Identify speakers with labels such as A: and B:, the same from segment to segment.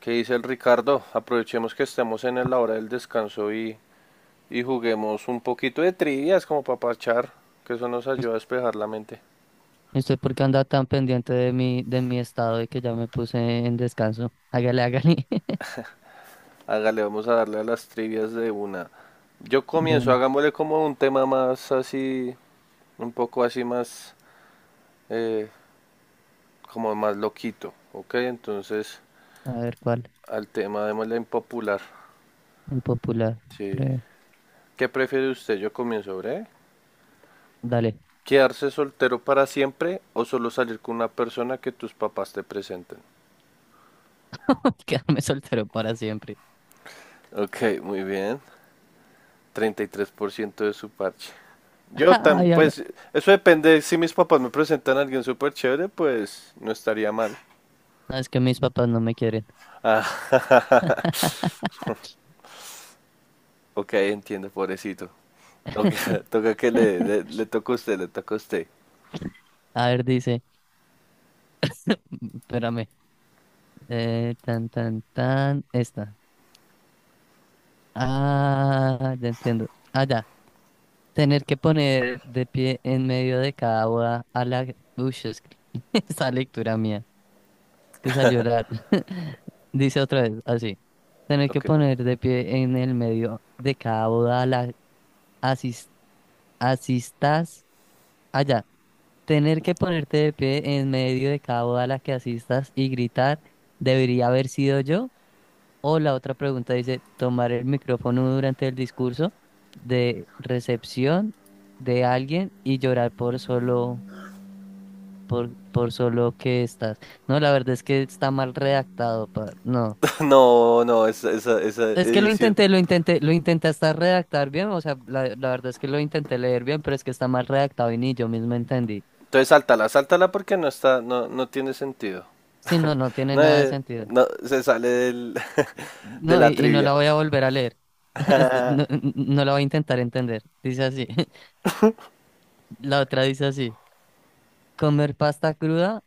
A: ¿Qué dice el Ricardo? Aprovechemos que estamos en la hora del descanso y juguemos un poquito de trivias como para parchar, que eso nos
B: Us-
A: ayuda a despejar la mente.
B: ¿Usted por qué anda tan pendiente de mi estado y que ya me puse en descanso? Hágale, hágale.
A: Hágale, vamos a darle a las trivias de una. Yo
B: De
A: comienzo,
B: una.
A: hagámosle como un tema más así, un poco así más, eh, como más loquito, ¿ok? Entonces,
B: A ver cuál.
A: al tema démosle impopular.
B: Impopular.
A: Sí.
B: Breve.
A: ¿Qué prefiere usted? Yo comienzo, ¿eh?
B: Dale.
A: ¿Quedarse soltero para siempre o solo salir con una persona que tus papás te presenten?
B: Quedarme soltero para siempre.
A: Ok, muy bien. 33% de su parche. Yo tam,
B: Ay, ay,
A: pues,
B: ay.
A: eso depende. Si mis papás me presentan a alguien súper chévere, pues no estaría mal.
B: No, es que mis papás no me quieren.
A: Ah, ok, entiendo, pobrecito. Ok, toca que le toca a usted, le toca a usted.
B: A ver, dice. Espérame. Tan, tan, tan. Esta. Ah, ya entiendo. Ah, ya. Tener que poner de pie en medio de cada boda a la. Uy, es que- esa lectura mía. Es que salió Dice otra vez, así. Tener que
A: Ok.
B: poner de pie en el medio de cada boda a la asis- asistas allá. Tener que ponerte de pie en medio de cada boda a la que asistas y gritar, ¿debería haber sido yo? O la otra pregunta dice, tomar el micrófono durante el discurso de recepción de alguien y llorar por por solo que estás. No, la verdad es que está mal redactado, no.
A: No, no, esa
B: Es que lo
A: edición.
B: intenté, lo intenté, lo intenté hasta redactar bien, o sea, la verdad es que lo intenté leer bien, pero es que está mal redactado y ni yo mismo entendí.
A: Entonces sáltala, sáltala porque no está, no, no tiene sentido.
B: Sí, no, no tiene
A: No,
B: nada de sentido.
A: no, se sale del, de
B: No, y,
A: la
B: y no la
A: trivia.
B: voy a volver a leer. No, no la voy a intentar entender. Dice así. La otra dice así. ¿Comer pasta cruda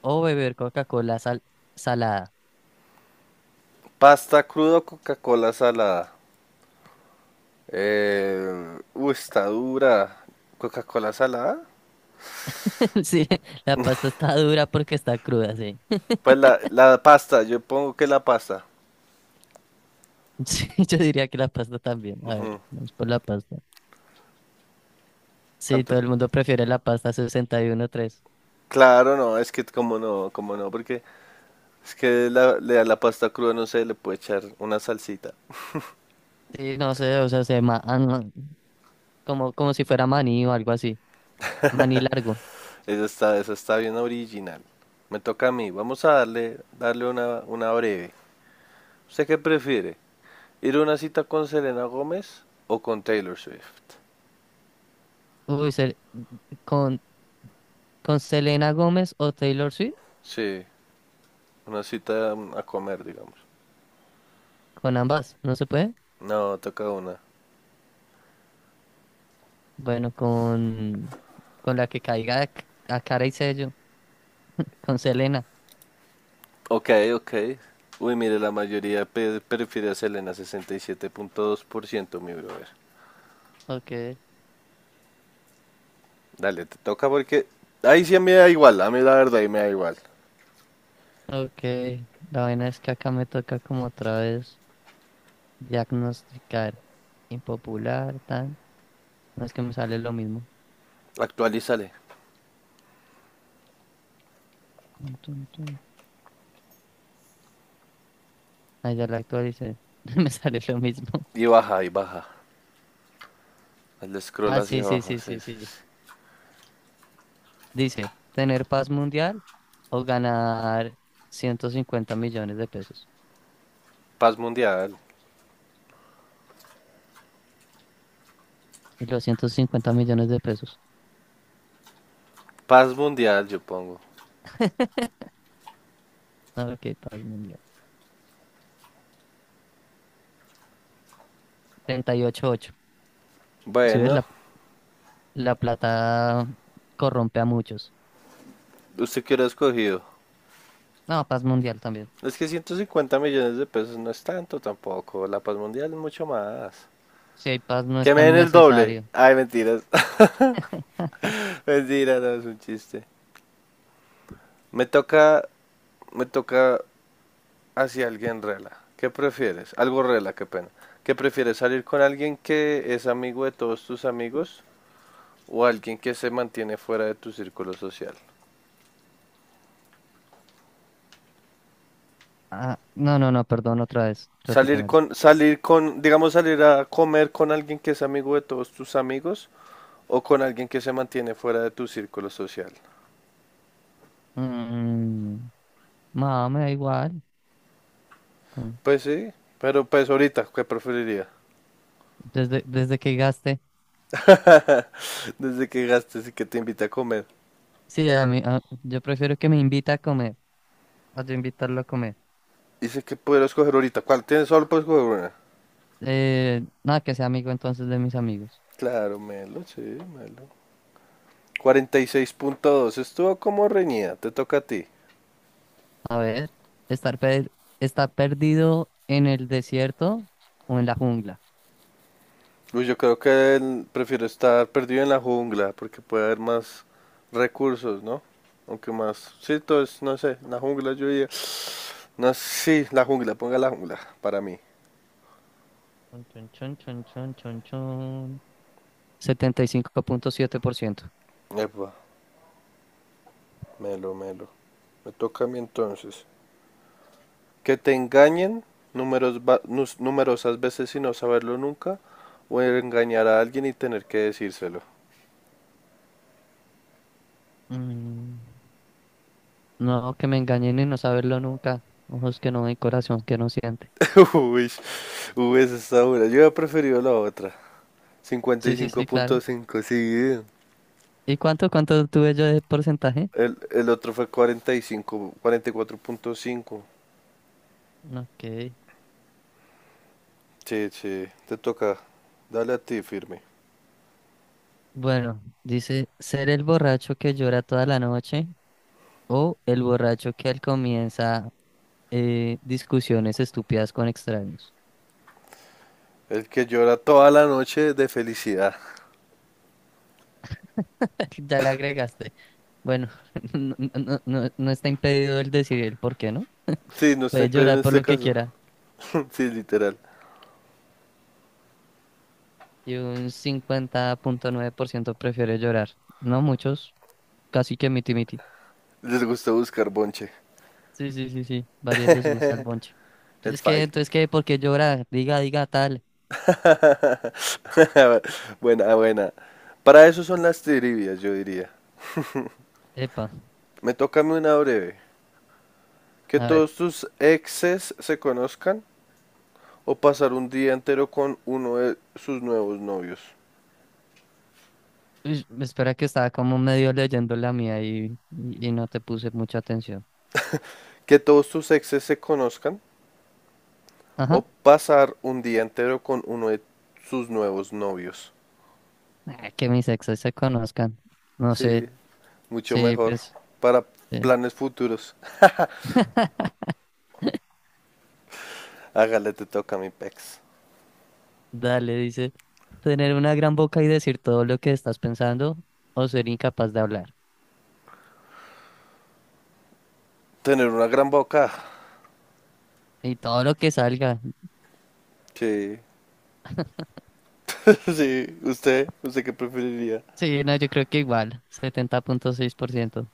B: o beber Coca-Cola salada?
A: Pasta crudo, Coca-Cola salada. Uy, está dura. ¿Coca-Cola salada?
B: Sí, la pasta está dura porque está cruda, sí.
A: Pues la pasta, yo pongo que la pasta.
B: Sí, yo diría que la pasta también. A ver,
A: Ujú.
B: vamos por la pasta. Sí,
A: ¿Cuánto?
B: todo
A: Es la...
B: el mundo prefiere la pasta. 61-3.
A: Claro, no, es que como no, porque es que la, le... a la pasta cruda no se le puede echar una salsita.
B: Sí, no sé, o sea, no, como si fuera maní o algo así. Maní largo.
A: Eso está bien original. Me toca a mí. Vamos a darle una breve. ¿Usted qué prefiere? ¿Ir a una cita con Selena Gómez o con Taylor Swift?
B: Uy, se- con, con Selena Gómez o Taylor Swift,
A: Sí, una cita a comer, digamos.
B: con ambas, ¿no se puede?
A: No, toca una.
B: Bueno, con la que caiga a, a cara y sello, con Selena.
A: Ok, ok. Uy, mire, la mayoría pe- prefiere a Selena, 67.2%, mi brother.
B: Ok,
A: Dale, te toca porque... Ahí sí me da igual, a mí la verdad ahí me da igual.
B: ok. La vaina es que acá me toca como otra vez diagnosticar impopular, tan. No, es que me sale lo mismo.
A: Actualízale.
B: Tun, tun, tun. Ah, ya la actualicé. Me sale lo mismo.
A: Y baja, y baja. Hazle scroll
B: Ah,
A: hacia
B: sí, sí,
A: abajo,
B: sí,
A: sí,
B: sí,
A: sí,
B: sí.
A: sí.
B: Dice, ¿tener paz mundial o ganar 150 millones de pesos?
A: Paz mundial.
B: Y los 150 millones de pesos.
A: Paz mundial, yo pongo.
B: A ver qué paz mundial. 38-8. Si ves,
A: Bueno,
B: la plata corrompe a muchos.
A: ¿usted qué hubiera escogido?
B: No, paz mundial también.
A: Es que 150 millones de pesos no es tanto tampoco. La paz mundial es mucho más.
B: Si hay paz, no es
A: Que me
B: tan
A: den el doble.
B: necesario.
A: Ay, mentiras. Mentira, no, es un chiste. Me toca, me toca hacia alguien rela. ¿Qué prefieres? Algo rela, qué pena. ¿Qué prefieres? ¿Salir con alguien que es amigo de todos tus amigos o alguien que se mantiene fuera de tu círculo social?
B: Ah, no, no, no, perdón, otra vez.
A: Salir
B: Repítemela.
A: con, salir con, digamos, salir a comer con alguien que es amigo de todos tus amigos o con alguien que se mantiene fuera de tu círculo social.
B: Mm, no, me da igual. Con-
A: Pues sí, pero pues ahorita, ¿qué preferiría?
B: desde que gaste.
A: Desde que gastes y que te invita a comer.
B: Sí, yo prefiero que me invita a comer. A yo invitarlo a comer.
A: Dice que puedo escoger ahorita. ¿Cuál tienes? Solo puedes escoger una.
B: Nada, que sea amigo entonces de mis amigos.
A: Claro, Melo, sí, Melo. 46.2, estuvo como reñida, te toca a ti.
B: A ver, estar, per- estar perdido en el desierto o en la jungla.
A: Uy, yo creo que el- prefiero estar perdido en la jungla porque puede haber más recursos, ¿no? Aunque más, sí, todo es, no sé, la jungla yo diría, no, sí, la jungla, ponga la jungla para mí.
B: Chun, chun, chun, chun, chun, chun, chun. 75.7%.
A: Epa, melo, melo. Me toca a mí entonces. Que te engañen numeros va- nus- numerosas veces y no saberlo nunca, o engañar a alguien y tener que decírselo.
B: Mm, no, que me engañen y no saberlo nunca. Ojos que no ven, corazón que no siente.
A: Uy, uy, esa está dura. Yo he preferido la otra.
B: Sí, sí, sí, claro.
A: 55.5, sí.
B: ¿Y cuánto, cuánto tuve yo de porcentaje?
A: El otro fue cuarenta, 45, 44.5.
B: Ok.
A: Sí, sí, te toca. Dale a ti, firme.
B: Bueno, dice, ser el borracho que llora toda la noche o el borracho que al comienza discusiones estúpidas con extraños.
A: El que llora toda la noche de felicidad.
B: Ya le agregaste. Bueno, no, no, no, no está impedido el decir el por qué, ¿no?
A: Sí, no está en
B: Puede
A: pedo en
B: llorar por
A: este
B: lo que
A: caso.
B: quiera.
A: Sí, literal.
B: Y un 50.9% prefiere llorar. No muchos, casi que miti miti.
A: Les gusta buscar bonche.
B: Sí, sí, sí, sí. Varios les gusta el bonche.
A: El
B: Entonces, ¿qué?
A: fighting.
B: Entonces, ¿qué? ¿Por qué llora? Diga, diga tal.
A: Buena, buena. Para eso son las trivias, yo diría.
B: Epa.
A: Me toca a mí una breve. Que
B: A ver.
A: todos tus exes se conozcan o pasar un día entero con uno de sus nuevos novios.
B: Uy, espera que estaba como medio leyendo la mía y no te puse mucha atención.
A: Que todos tus exes se conozcan o
B: Ajá.
A: pasar un día entero con uno de sus nuevos novios.
B: Ah, que mis exes se conozcan. No
A: Sí,
B: sé.
A: mucho
B: Sí,
A: mejor
B: pues.
A: para
B: eh,
A: planes futuros. Hágale, te toca mi pex.
B: Dale, dice. Tener una gran boca y decir todo lo que estás pensando o ser incapaz de hablar.
A: Tener una gran boca.
B: Y todo lo que salga.
A: Sí. Sí, usted, usted qué preferiría.
B: Sí, no, yo creo que igual. 70.6%.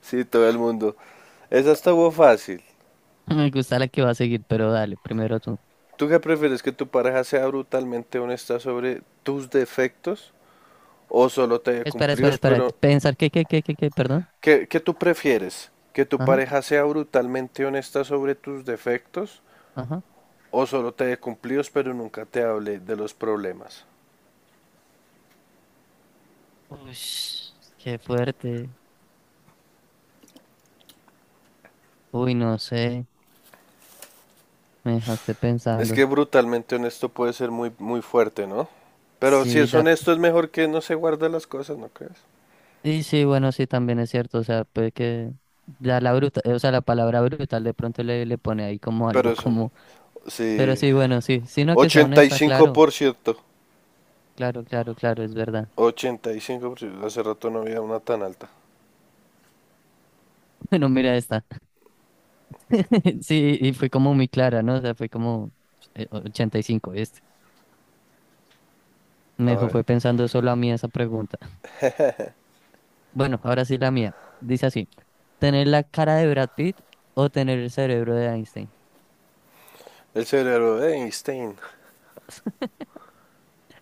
A: Sí, todo el mundo. Esa estuvo fácil.
B: Me gusta la que va a seguir, pero dale, primero tú.
A: ¿Tú qué prefieres que tu pareja sea brutalmente honesta sobre tus defectos o solo te dé
B: Espera, espera,
A: cumplidos
B: espera.
A: pero...
B: Pensar que, perdón.
A: ¿Qué tú prefieres? ¿Que tu
B: Ajá,
A: pareja sea brutalmente honesta sobre tus defectos
B: ajá.
A: o solo te dé cumplidos pero nunca te hable de los problemas?
B: Uy, qué fuerte. Uy, no sé, me dejaste
A: Es
B: pensando.
A: que brutalmente honesto puede ser muy, muy fuerte, ¿no? Pero si
B: Sí,
A: es
B: da-
A: honesto es mejor que no se guarde las cosas, ¿no crees?
B: y sí, bueno, sí, también es cierto, o sea, puede que o sea, la palabra brutal de pronto le pone ahí como
A: Pero
B: algo
A: eso,
B: como, pero
A: sí,
B: sí, bueno, sí, sino que sea honesta, claro,
A: 85%.
B: claro, claro, claro, es verdad.
A: 85%, hace rato no había una tan alta.
B: Bueno, mira esta. Sí, y fue como muy clara, ¿no? O sea, fue como 85 este. Me
A: A
B: dejó
A: ver,
B: fue pensando solo a mí esa pregunta. Bueno, ahora sí la mía. Dice así, ¿tener la cara de Brad Pitt o tener el cerebro de Einstein?
A: el cerebro de Einstein,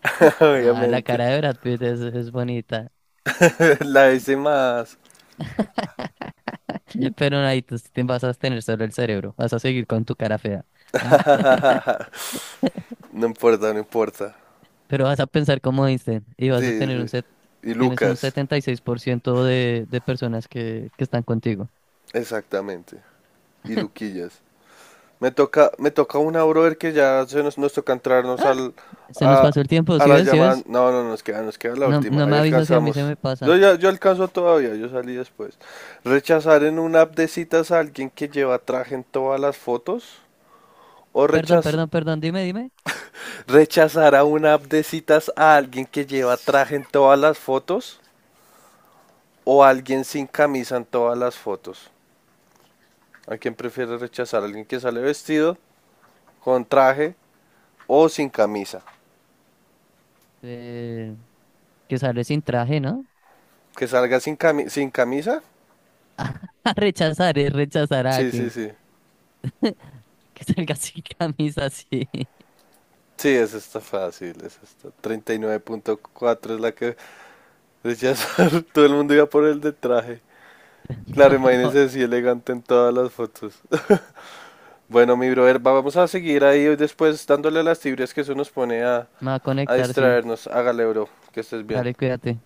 B: Ah, la
A: obviamente.
B: cara de Brad Pitt es bonita.
A: La hice más.
B: Pero ahí tú te vas a tener solo el cerebro. Vas a seguir con tu cara fea. Ah,
A: No importa, no importa.
B: pero vas a pensar como Einstein y vas a
A: Sí,
B: tener un
A: sí. Y
B: tienes un
A: Lucas,
B: 76% de personas que están contigo.
A: exactamente. Y Luquillas. Me toca una, brother, que ya se nos, nos toca entrarnos
B: Ah,
A: al,
B: se nos
A: a,
B: pasó el tiempo.
A: a
B: ¿Sí
A: la
B: ves? ¿Sí
A: llamada.
B: ves?
A: No, no, nos queda la
B: No,
A: última.
B: no
A: Ahí
B: me avisas si a mí se
A: alcanzamos.
B: me
A: Yo
B: pasa.
A: ya, yo alcanzo todavía, yo salí después. Rechazar en una app de citas a alguien que lleva traje en todas las fotos. O
B: Perdón,
A: rechaz-
B: perdón, perdón. Dime, dime.
A: rechazar a una app de citas a alguien que lleva traje en todas las fotos o alguien sin camisa en todas las fotos. ¿A quién prefiere rechazar? ¿Alguien que sale vestido, con traje o sin camisa?
B: Eh, que sale sin traje, ¿no?
A: ¿Que salga sin, cami- sin camisa?
B: A rechazar es rechazar a
A: Sí, sí,
B: alguien.
A: sí.
B: Que salga sin camisa, sí.
A: Sí, esa está fácil, esa está. 39.4 es la que rechazar. Todo el mundo iba por el de traje. Claro,
B: Me voy
A: imagínese así elegante en todas las fotos. Bueno, mi brother, va- vamos a seguir ahí hoy, después dándole las tibias que eso nos pone
B: Me voy a
A: a
B: conectar, sí.
A: distraernos. Hágale, bro, que estés
B: Dale,
A: bien.
B: cuídate.